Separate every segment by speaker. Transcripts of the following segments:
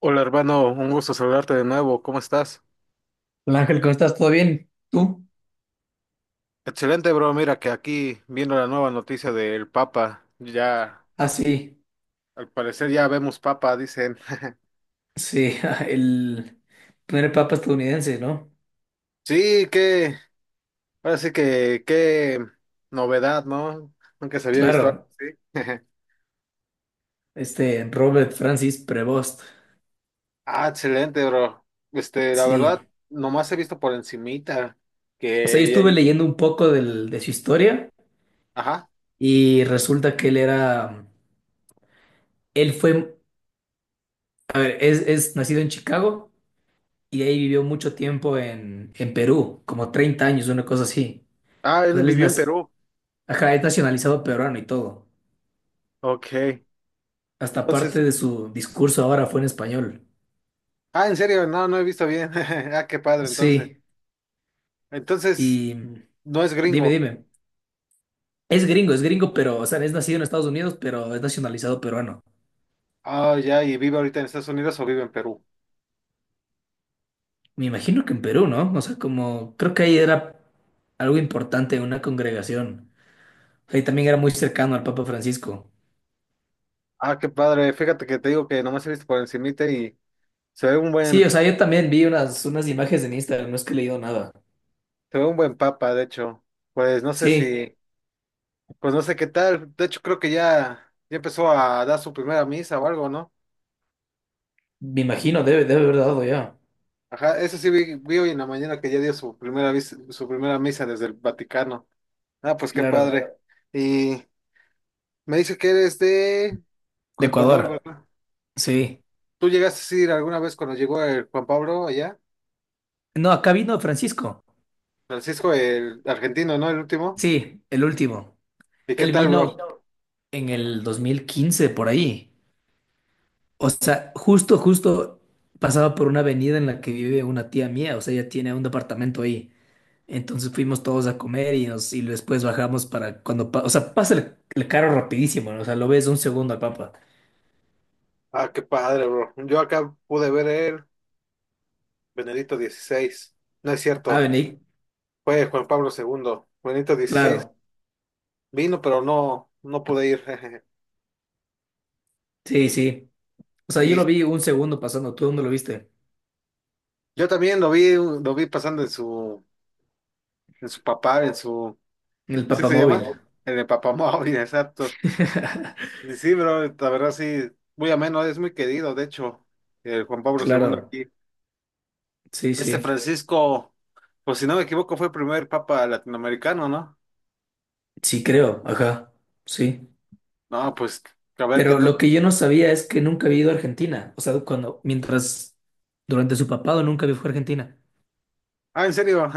Speaker 1: Hola hermano, un gusto saludarte de nuevo, ¿cómo estás?
Speaker 2: Hola Ángel, ¿cómo estás? ¿Todo bien? ¿Tú?
Speaker 1: Excelente bro, mira que aquí viendo la nueva noticia del Papa, ya
Speaker 2: Ah, sí,
Speaker 1: al parecer ya vemos Papa, dicen.
Speaker 2: sí, el primer papa estadounidense, ¿no?
Speaker 1: Sí, ahora sí que, qué novedad, ¿no? Nunca se había visto
Speaker 2: Claro,
Speaker 1: algo así.
Speaker 2: este Robert Francis Prevost,
Speaker 1: Ah, excelente bro. Este, la verdad,
Speaker 2: sí.
Speaker 1: nomás he visto por encimita
Speaker 2: O sea, yo
Speaker 1: que ya
Speaker 2: estuve
Speaker 1: hay-
Speaker 2: leyendo un poco de su historia
Speaker 1: Ajá.
Speaker 2: y resulta que él era, él fue, a ver, es nacido en Chicago y de ahí vivió mucho tiempo en Perú, como 30 años, una cosa así.
Speaker 1: Ah,
Speaker 2: O sea,
Speaker 1: él
Speaker 2: él es,
Speaker 1: vivió en
Speaker 2: nac-
Speaker 1: Perú.
Speaker 2: ajá, es nacionalizado peruano y todo.
Speaker 1: Ok.
Speaker 2: Hasta parte
Speaker 1: Entonces,
Speaker 2: de su discurso ahora fue en español.
Speaker 1: ah, en serio, no, no he visto bien. Ah, qué padre, entonces.
Speaker 2: Sí.
Speaker 1: Entonces,
Speaker 2: Y
Speaker 1: no es
Speaker 2: dime,
Speaker 1: gringo.
Speaker 2: dime. Es gringo, pero, o sea, es nacido en Estados Unidos, pero es nacionalizado peruano.
Speaker 1: Ah, ya, y vive ahorita en Estados Unidos o vive en Perú.
Speaker 2: Me imagino que en Perú, ¿no? O sea, como creo que ahí era algo importante, una congregación. O sea, y también era muy cercano al Papa Francisco.
Speaker 1: Ah, qué padre. Fíjate que te digo que nomás he visto por encimita y
Speaker 2: Sí, o sea,
Speaker 1: se
Speaker 2: yo también vi unas, unas imágenes en Instagram, no es que he leído nada.
Speaker 1: ve un buen papa, de hecho. Pues no sé
Speaker 2: Sí,
Speaker 1: si, pues no sé qué tal. De hecho, creo que ya empezó a dar su primera misa o algo, ¿no?
Speaker 2: me imagino, debe, debe haber dado ya.
Speaker 1: Ajá, eso sí vi hoy en la mañana que ya dio su primera misa desde el Vaticano. Ah, pues qué
Speaker 2: Claro.
Speaker 1: padre. Y me dice que eres de
Speaker 2: De
Speaker 1: Ecuador,
Speaker 2: Ecuador.
Speaker 1: ¿verdad?
Speaker 2: Sí.
Speaker 1: ¿Tú llegaste a ir alguna vez cuando llegó el Juan Pablo allá?
Speaker 2: No, acá vino Francisco.
Speaker 1: Francisco, el argentino, ¿no? El último.
Speaker 2: Sí, el último.
Speaker 1: ¿Y qué
Speaker 2: Él
Speaker 1: tal, bro?
Speaker 2: vino en el 2015 por ahí. O sea, justo, justo pasaba por una avenida en la que vive una tía mía, o sea, ella tiene un departamento ahí. Entonces fuimos todos a comer y, nos, y después bajamos para o sea, pasa el carro rapidísimo, ¿no? O sea, lo ves un segundo al Papa.
Speaker 1: Ah, qué padre, bro. Yo acá pude ver el Benedicto XVI. No es
Speaker 2: Ah,
Speaker 1: cierto,
Speaker 2: vení,
Speaker 1: fue Juan Pablo II. Benedicto XVI
Speaker 2: claro,
Speaker 1: vino, pero no, no pude ir.
Speaker 2: sí, sí. O sea, yo
Speaker 1: Y
Speaker 2: lo vi un segundo pasando, ¿tú dónde lo viste?
Speaker 1: yo también lo vi pasando en su, papá,
Speaker 2: En el
Speaker 1: ¿sí se llama?
Speaker 2: papamóvil.
Speaker 1: En el papamóvil, exacto. Y sí, bro, la verdad sí, muy ameno, es muy querido, de hecho, el Juan Pablo II
Speaker 2: Claro,
Speaker 1: aquí.
Speaker 2: sí,
Speaker 1: Este
Speaker 2: sí,
Speaker 1: Francisco, pues si no me equivoco, fue el primer papa latinoamericano, ¿no?
Speaker 2: sí creo, ajá, sí.
Speaker 1: No, pues a ver qué
Speaker 2: Pero
Speaker 1: tal.
Speaker 2: lo que yo no sabía es que nunca había ido a Argentina. O sea, mientras, durante su papado nunca había viajó a Argentina.
Speaker 1: Ah, en serio,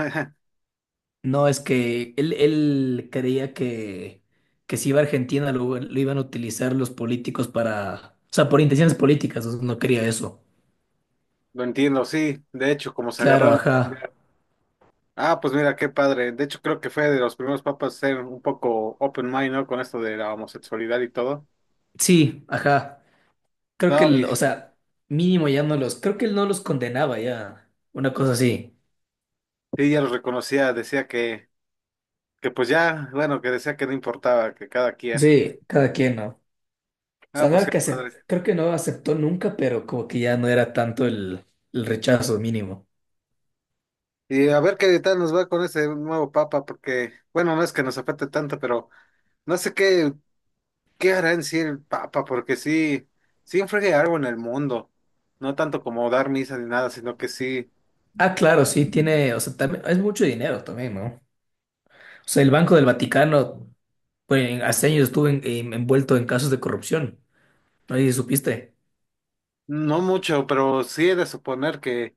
Speaker 2: No, es que él creía que si iba a Argentina lo iban a utilizar los políticos para, o sea, por intenciones políticas, o sea, no quería eso.
Speaker 1: lo entiendo, sí. De hecho, como se
Speaker 2: Claro,
Speaker 1: agarraron.
Speaker 2: ajá.
Speaker 1: Ah, pues mira, qué padre. De hecho, creo que fue de los primeros papas a ser un poco open mind, ¿no? Con esto de la homosexualidad y todo.
Speaker 2: Sí, ajá. Creo que,
Speaker 1: No,
Speaker 2: el-
Speaker 1: mis,
Speaker 2: o sea, mínimo ya no los, creo que él no los condenaba ya. Una cosa así.
Speaker 1: sí, ya los reconocía, decía que pues ya, bueno, que decía que no importaba, que cada quien.
Speaker 2: Sí, cada quien, ¿no?
Speaker 1: Ah,
Speaker 2: Sea, no
Speaker 1: pues
Speaker 2: era
Speaker 1: qué
Speaker 2: que
Speaker 1: padre.
Speaker 2: creo que no aceptó nunca, pero como que ya no era tanto el rechazo mínimo.
Speaker 1: Y a ver qué tal nos va con ese nuevo papa, porque, bueno, no es que nos afecte tanto, pero no sé qué. ¿Qué hará en sí el Papa? Porque sí, sí influye algo en el mundo. No tanto como dar misa ni nada, sino que sí,
Speaker 2: Ah, claro, sí, tiene, o sea, también, es mucho dinero también, ¿no? O sea, el Banco del Vaticano, pues, hace años estuvo envuelto en casos de corrupción, ¿no? ¿Y supiste?
Speaker 1: no mucho, pero sí he de suponer que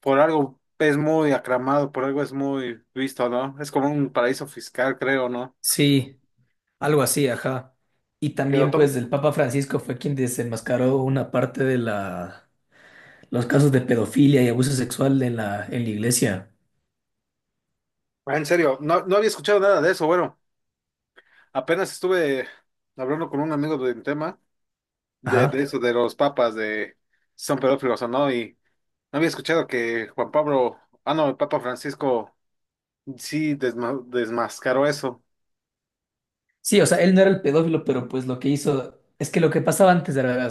Speaker 1: por algo es muy aclamado, por algo es muy visto, ¿no? Es como un paraíso fiscal, creo, ¿no?
Speaker 2: Sí, algo así, ajá. Y
Speaker 1: Porque lo
Speaker 2: también,
Speaker 1: tomo-
Speaker 2: pues, el Papa Francisco fue quien desenmascaró una parte de los casos de pedofilia y abuso sexual en la iglesia.
Speaker 1: Ah, en serio, no, no había escuchado nada de eso. Bueno, apenas estuve hablando con un amigo de un tema de
Speaker 2: Ajá.
Speaker 1: eso, de los papas, de si son pedófilos o no, y no había escuchado que Juan Pablo, ah, no, el Papa Francisco. Sí, desmascaró eso.
Speaker 2: Sí, o sea, él no era el pedófilo, pero pues lo que hizo es que lo que pasaba antes era,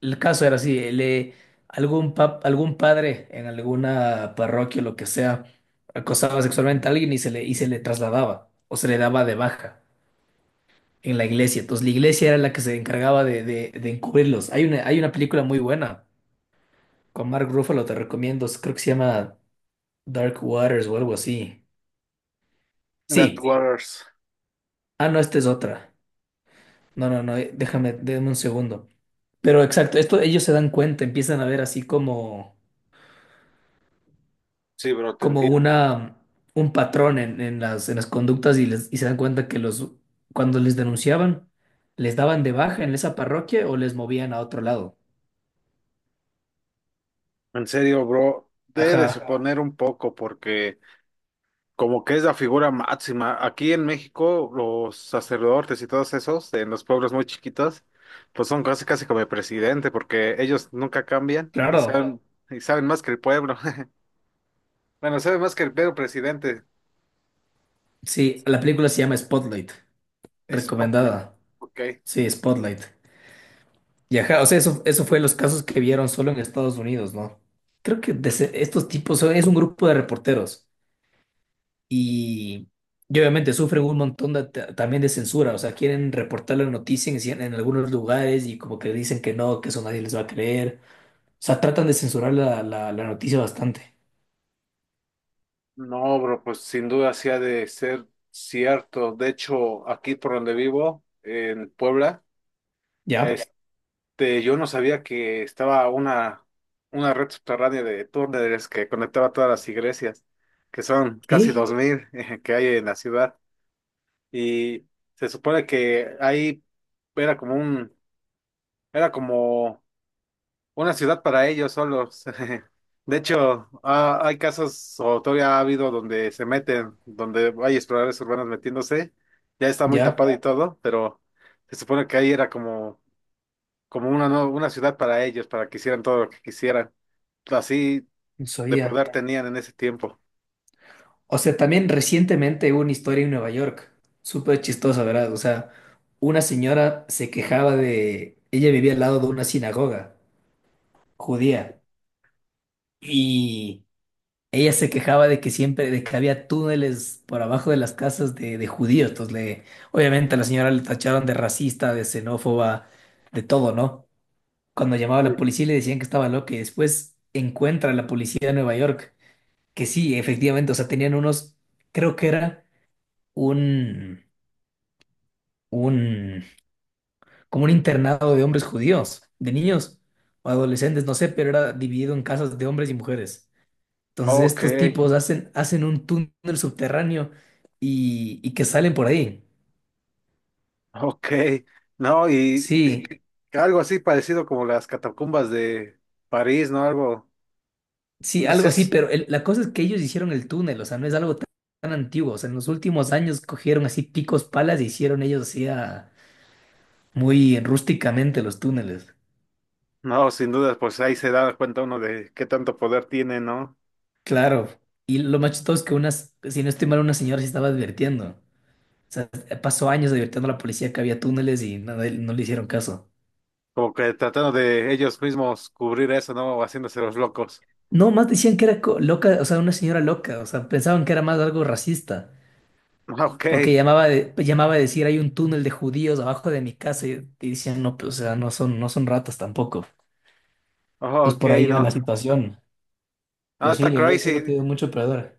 Speaker 2: el caso era así, algún padre en alguna parroquia o lo que sea acosaba sexualmente a alguien y se le trasladaba o se le daba de baja en la iglesia. Entonces la iglesia era la que se encargaba de encubrirlos. Hay una película muy buena con Mark Ruffalo, te recomiendo, creo que se llama Dark Waters o algo así.
Speaker 1: That
Speaker 2: Sí,
Speaker 1: Waters.
Speaker 2: ah, no, esta es otra. No, no, no, déjame un segundo. Pero exacto, esto ellos se dan cuenta, empiezan a ver así como,
Speaker 1: Sí, bro, te
Speaker 2: como
Speaker 1: entiendo.
Speaker 2: una, un patrón en las conductas y, les, y se dan cuenta que los, cuando les denunciaban, les daban de baja en esa parroquia o les movían a otro lado.
Speaker 1: En serio, bro, debe de
Speaker 2: Ajá,
Speaker 1: suponer un poco porque como que es la figura máxima. Aquí en México, los sacerdotes y todos esos, en los pueblos muy chiquitos, pues son casi casi como el presidente porque ellos nunca cambian
Speaker 2: claro.
Speaker 1: y saben más que el pueblo. Bueno, saben más que el pueblo presidente.
Speaker 2: Sí, la película se llama Spotlight,
Speaker 1: Es popular.
Speaker 2: recomendada.
Speaker 1: Ok.
Speaker 2: Sí, Spotlight. Y ajá, o sea, eso fue los casos que vieron solo en Estados Unidos, ¿no? Creo que de estos tipos son, es un grupo de reporteros. Y, y obviamente sufren un montón también de censura, o sea, quieren reportar la noticia en algunos lugares y como que dicen que no, que eso nadie les va a creer. O sea, tratan de censurar la noticia bastante.
Speaker 1: No, bro, pues sin duda sí ha de ser cierto. De hecho, aquí por donde vivo, en Puebla,
Speaker 2: ¿Ya?
Speaker 1: este, yo no sabía que estaba una red subterránea de túneles que conectaba todas las iglesias, que son casi
Speaker 2: ¿Qué?
Speaker 1: 2000 que hay en la ciudad. Y se supone que ahí era como un, era como una ciudad para ellos solos. De hecho, ah, hay casos, o todavía ha habido donde se meten, donde hay exploradores urbanos metiéndose, ya está muy
Speaker 2: Ya,
Speaker 1: tapado y todo, pero se supone que ahí era como, como una ciudad para ellos, para que hicieran todo lo que quisieran. Así
Speaker 2: no
Speaker 1: de
Speaker 2: sabía.
Speaker 1: poder tenían en ese tiempo.
Speaker 2: O sea, también recientemente hubo una historia en Nueva York, súper chistosa, ¿verdad? O sea, una señora se quejaba de... Ella vivía al lado de una sinagoga judía y... Ella se quejaba de que siempre, de que había túneles por abajo de las casas de judíos. Entonces le, obviamente a la señora le tacharon de racista, de xenófoba, de todo, ¿no? Cuando llamaba a la policía le decían que estaba loca y después encuentra a la policía de Nueva York, que sí, efectivamente, o sea, tenían unos, creo que era un, un, como un internado de hombres judíos, de niños o adolescentes, no sé, pero era dividido en casas de hombres y mujeres. Entonces
Speaker 1: Ok,
Speaker 2: estos tipos hacen un túnel subterráneo y que salen por ahí.
Speaker 1: ok. No,
Speaker 2: Sí,
Speaker 1: algo así parecido como las catacumbas de París, ¿no? Algo,
Speaker 2: sí,
Speaker 1: no
Speaker 2: algo
Speaker 1: sé.
Speaker 2: así, pero la cosa es que ellos hicieron el túnel, o sea, no es algo tan antiguo. O sea, en los últimos años cogieron así picos, palas y hicieron ellos así muy rústicamente los túneles.
Speaker 1: No, sin dudas, pues ahí se da cuenta uno de qué tanto poder tiene, ¿no?
Speaker 2: Claro, y lo más chistoso es que unas, si no estoy mal, una señora se estaba advirtiendo. O sea, pasó años advirtiendo a la policía que había túneles y no le hicieron caso.
Speaker 1: Como que tratando de ellos mismos cubrir eso, ¿no? O haciéndose los locos.
Speaker 2: No, más decían que era loca, o sea, una señora loca, o sea, pensaban que era más algo racista, porque llamaba a decir hay un túnel de judíos abajo de mi casa y decían, no, pues, o sea, no son ratas tampoco.
Speaker 1: Ah,
Speaker 2: Entonces
Speaker 1: ok, ok,
Speaker 2: por ahí iba
Speaker 1: no.
Speaker 2: la situación.
Speaker 1: Ah,
Speaker 2: Pero sí,
Speaker 1: está
Speaker 2: la iglesia siempre ha
Speaker 1: crazy.
Speaker 2: tenido mucho perdón.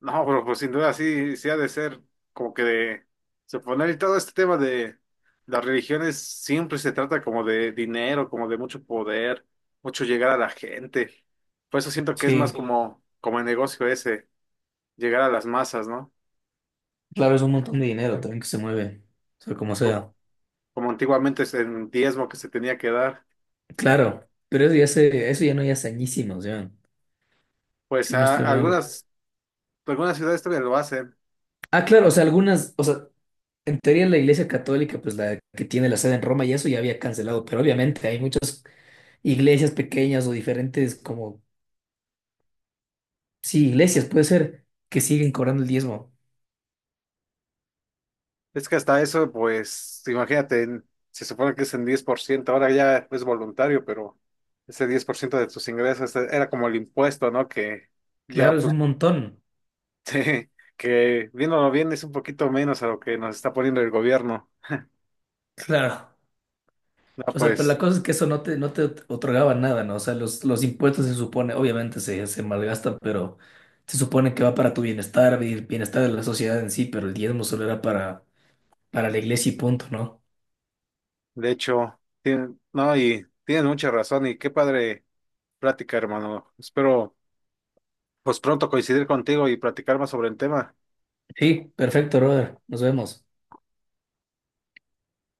Speaker 1: No, pero pues sin duda sí, sí ha de ser como que de suponer y todo este tema de las religiones siempre se trata como de dinero, como de mucho poder, mucho llegar a la gente. Por eso siento que es más
Speaker 2: Sí,
Speaker 1: como, como el negocio ese, llegar a las masas, ¿no?
Speaker 2: claro, es un montón de dinero también que se mueve, o sea, como sea.
Speaker 1: Como antiguamente es el diezmo que se tenía que dar.
Speaker 2: Claro, pero eso ya, se, eso ya no hay hace añísimos, ya,
Speaker 1: Pues
Speaker 2: si no estoy mal.
Speaker 1: algunas ciudades todavía lo hacen.
Speaker 2: Ah, claro, o sea, algunas, o sea, en teoría la Iglesia Católica, pues la que tiene la sede en Roma y eso ya había cancelado, pero obviamente hay muchas iglesias pequeñas o diferentes, como, sí, iglesias, puede ser, que siguen cobrando el diezmo.
Speaker 1: Es que hasta eso, pues, imagínate, se supone que es en 10%. Ahora ya es voluntario, pero ese 10% de tus ingresos era como el impuesto, ¿no? Que ya,
Speaker 2: Claro, es
Speaker 1: pues,
Speaker 2: un montón.
Speaker 1: te- que viéndolo bien es un poquito menos a lo que nos está poniendo el gobierno.
Speaker 2: Claro.
Speaker 1: No,
Speaker 2: O sea, pero
Speaker 1: pues,
Speaker 2: la cosa es que eso no te otorgaba nada, ¿no? O sea, los impuestos se supone, obviamente se malgastan, pero se supone que va para tu bienestar, el bienestar de la sociedad en sí, pero el diezmo solo era para la iglesia y punto, ¿no?
Speaker 1: de hecho, tienen, no, y tienen mucha razón y qué padre plática, hermano. Espero pues pronto coincidir contigo y platicar más sobre el tema.
Speaker 2: Sí, perfecto, brother. Nos vemos.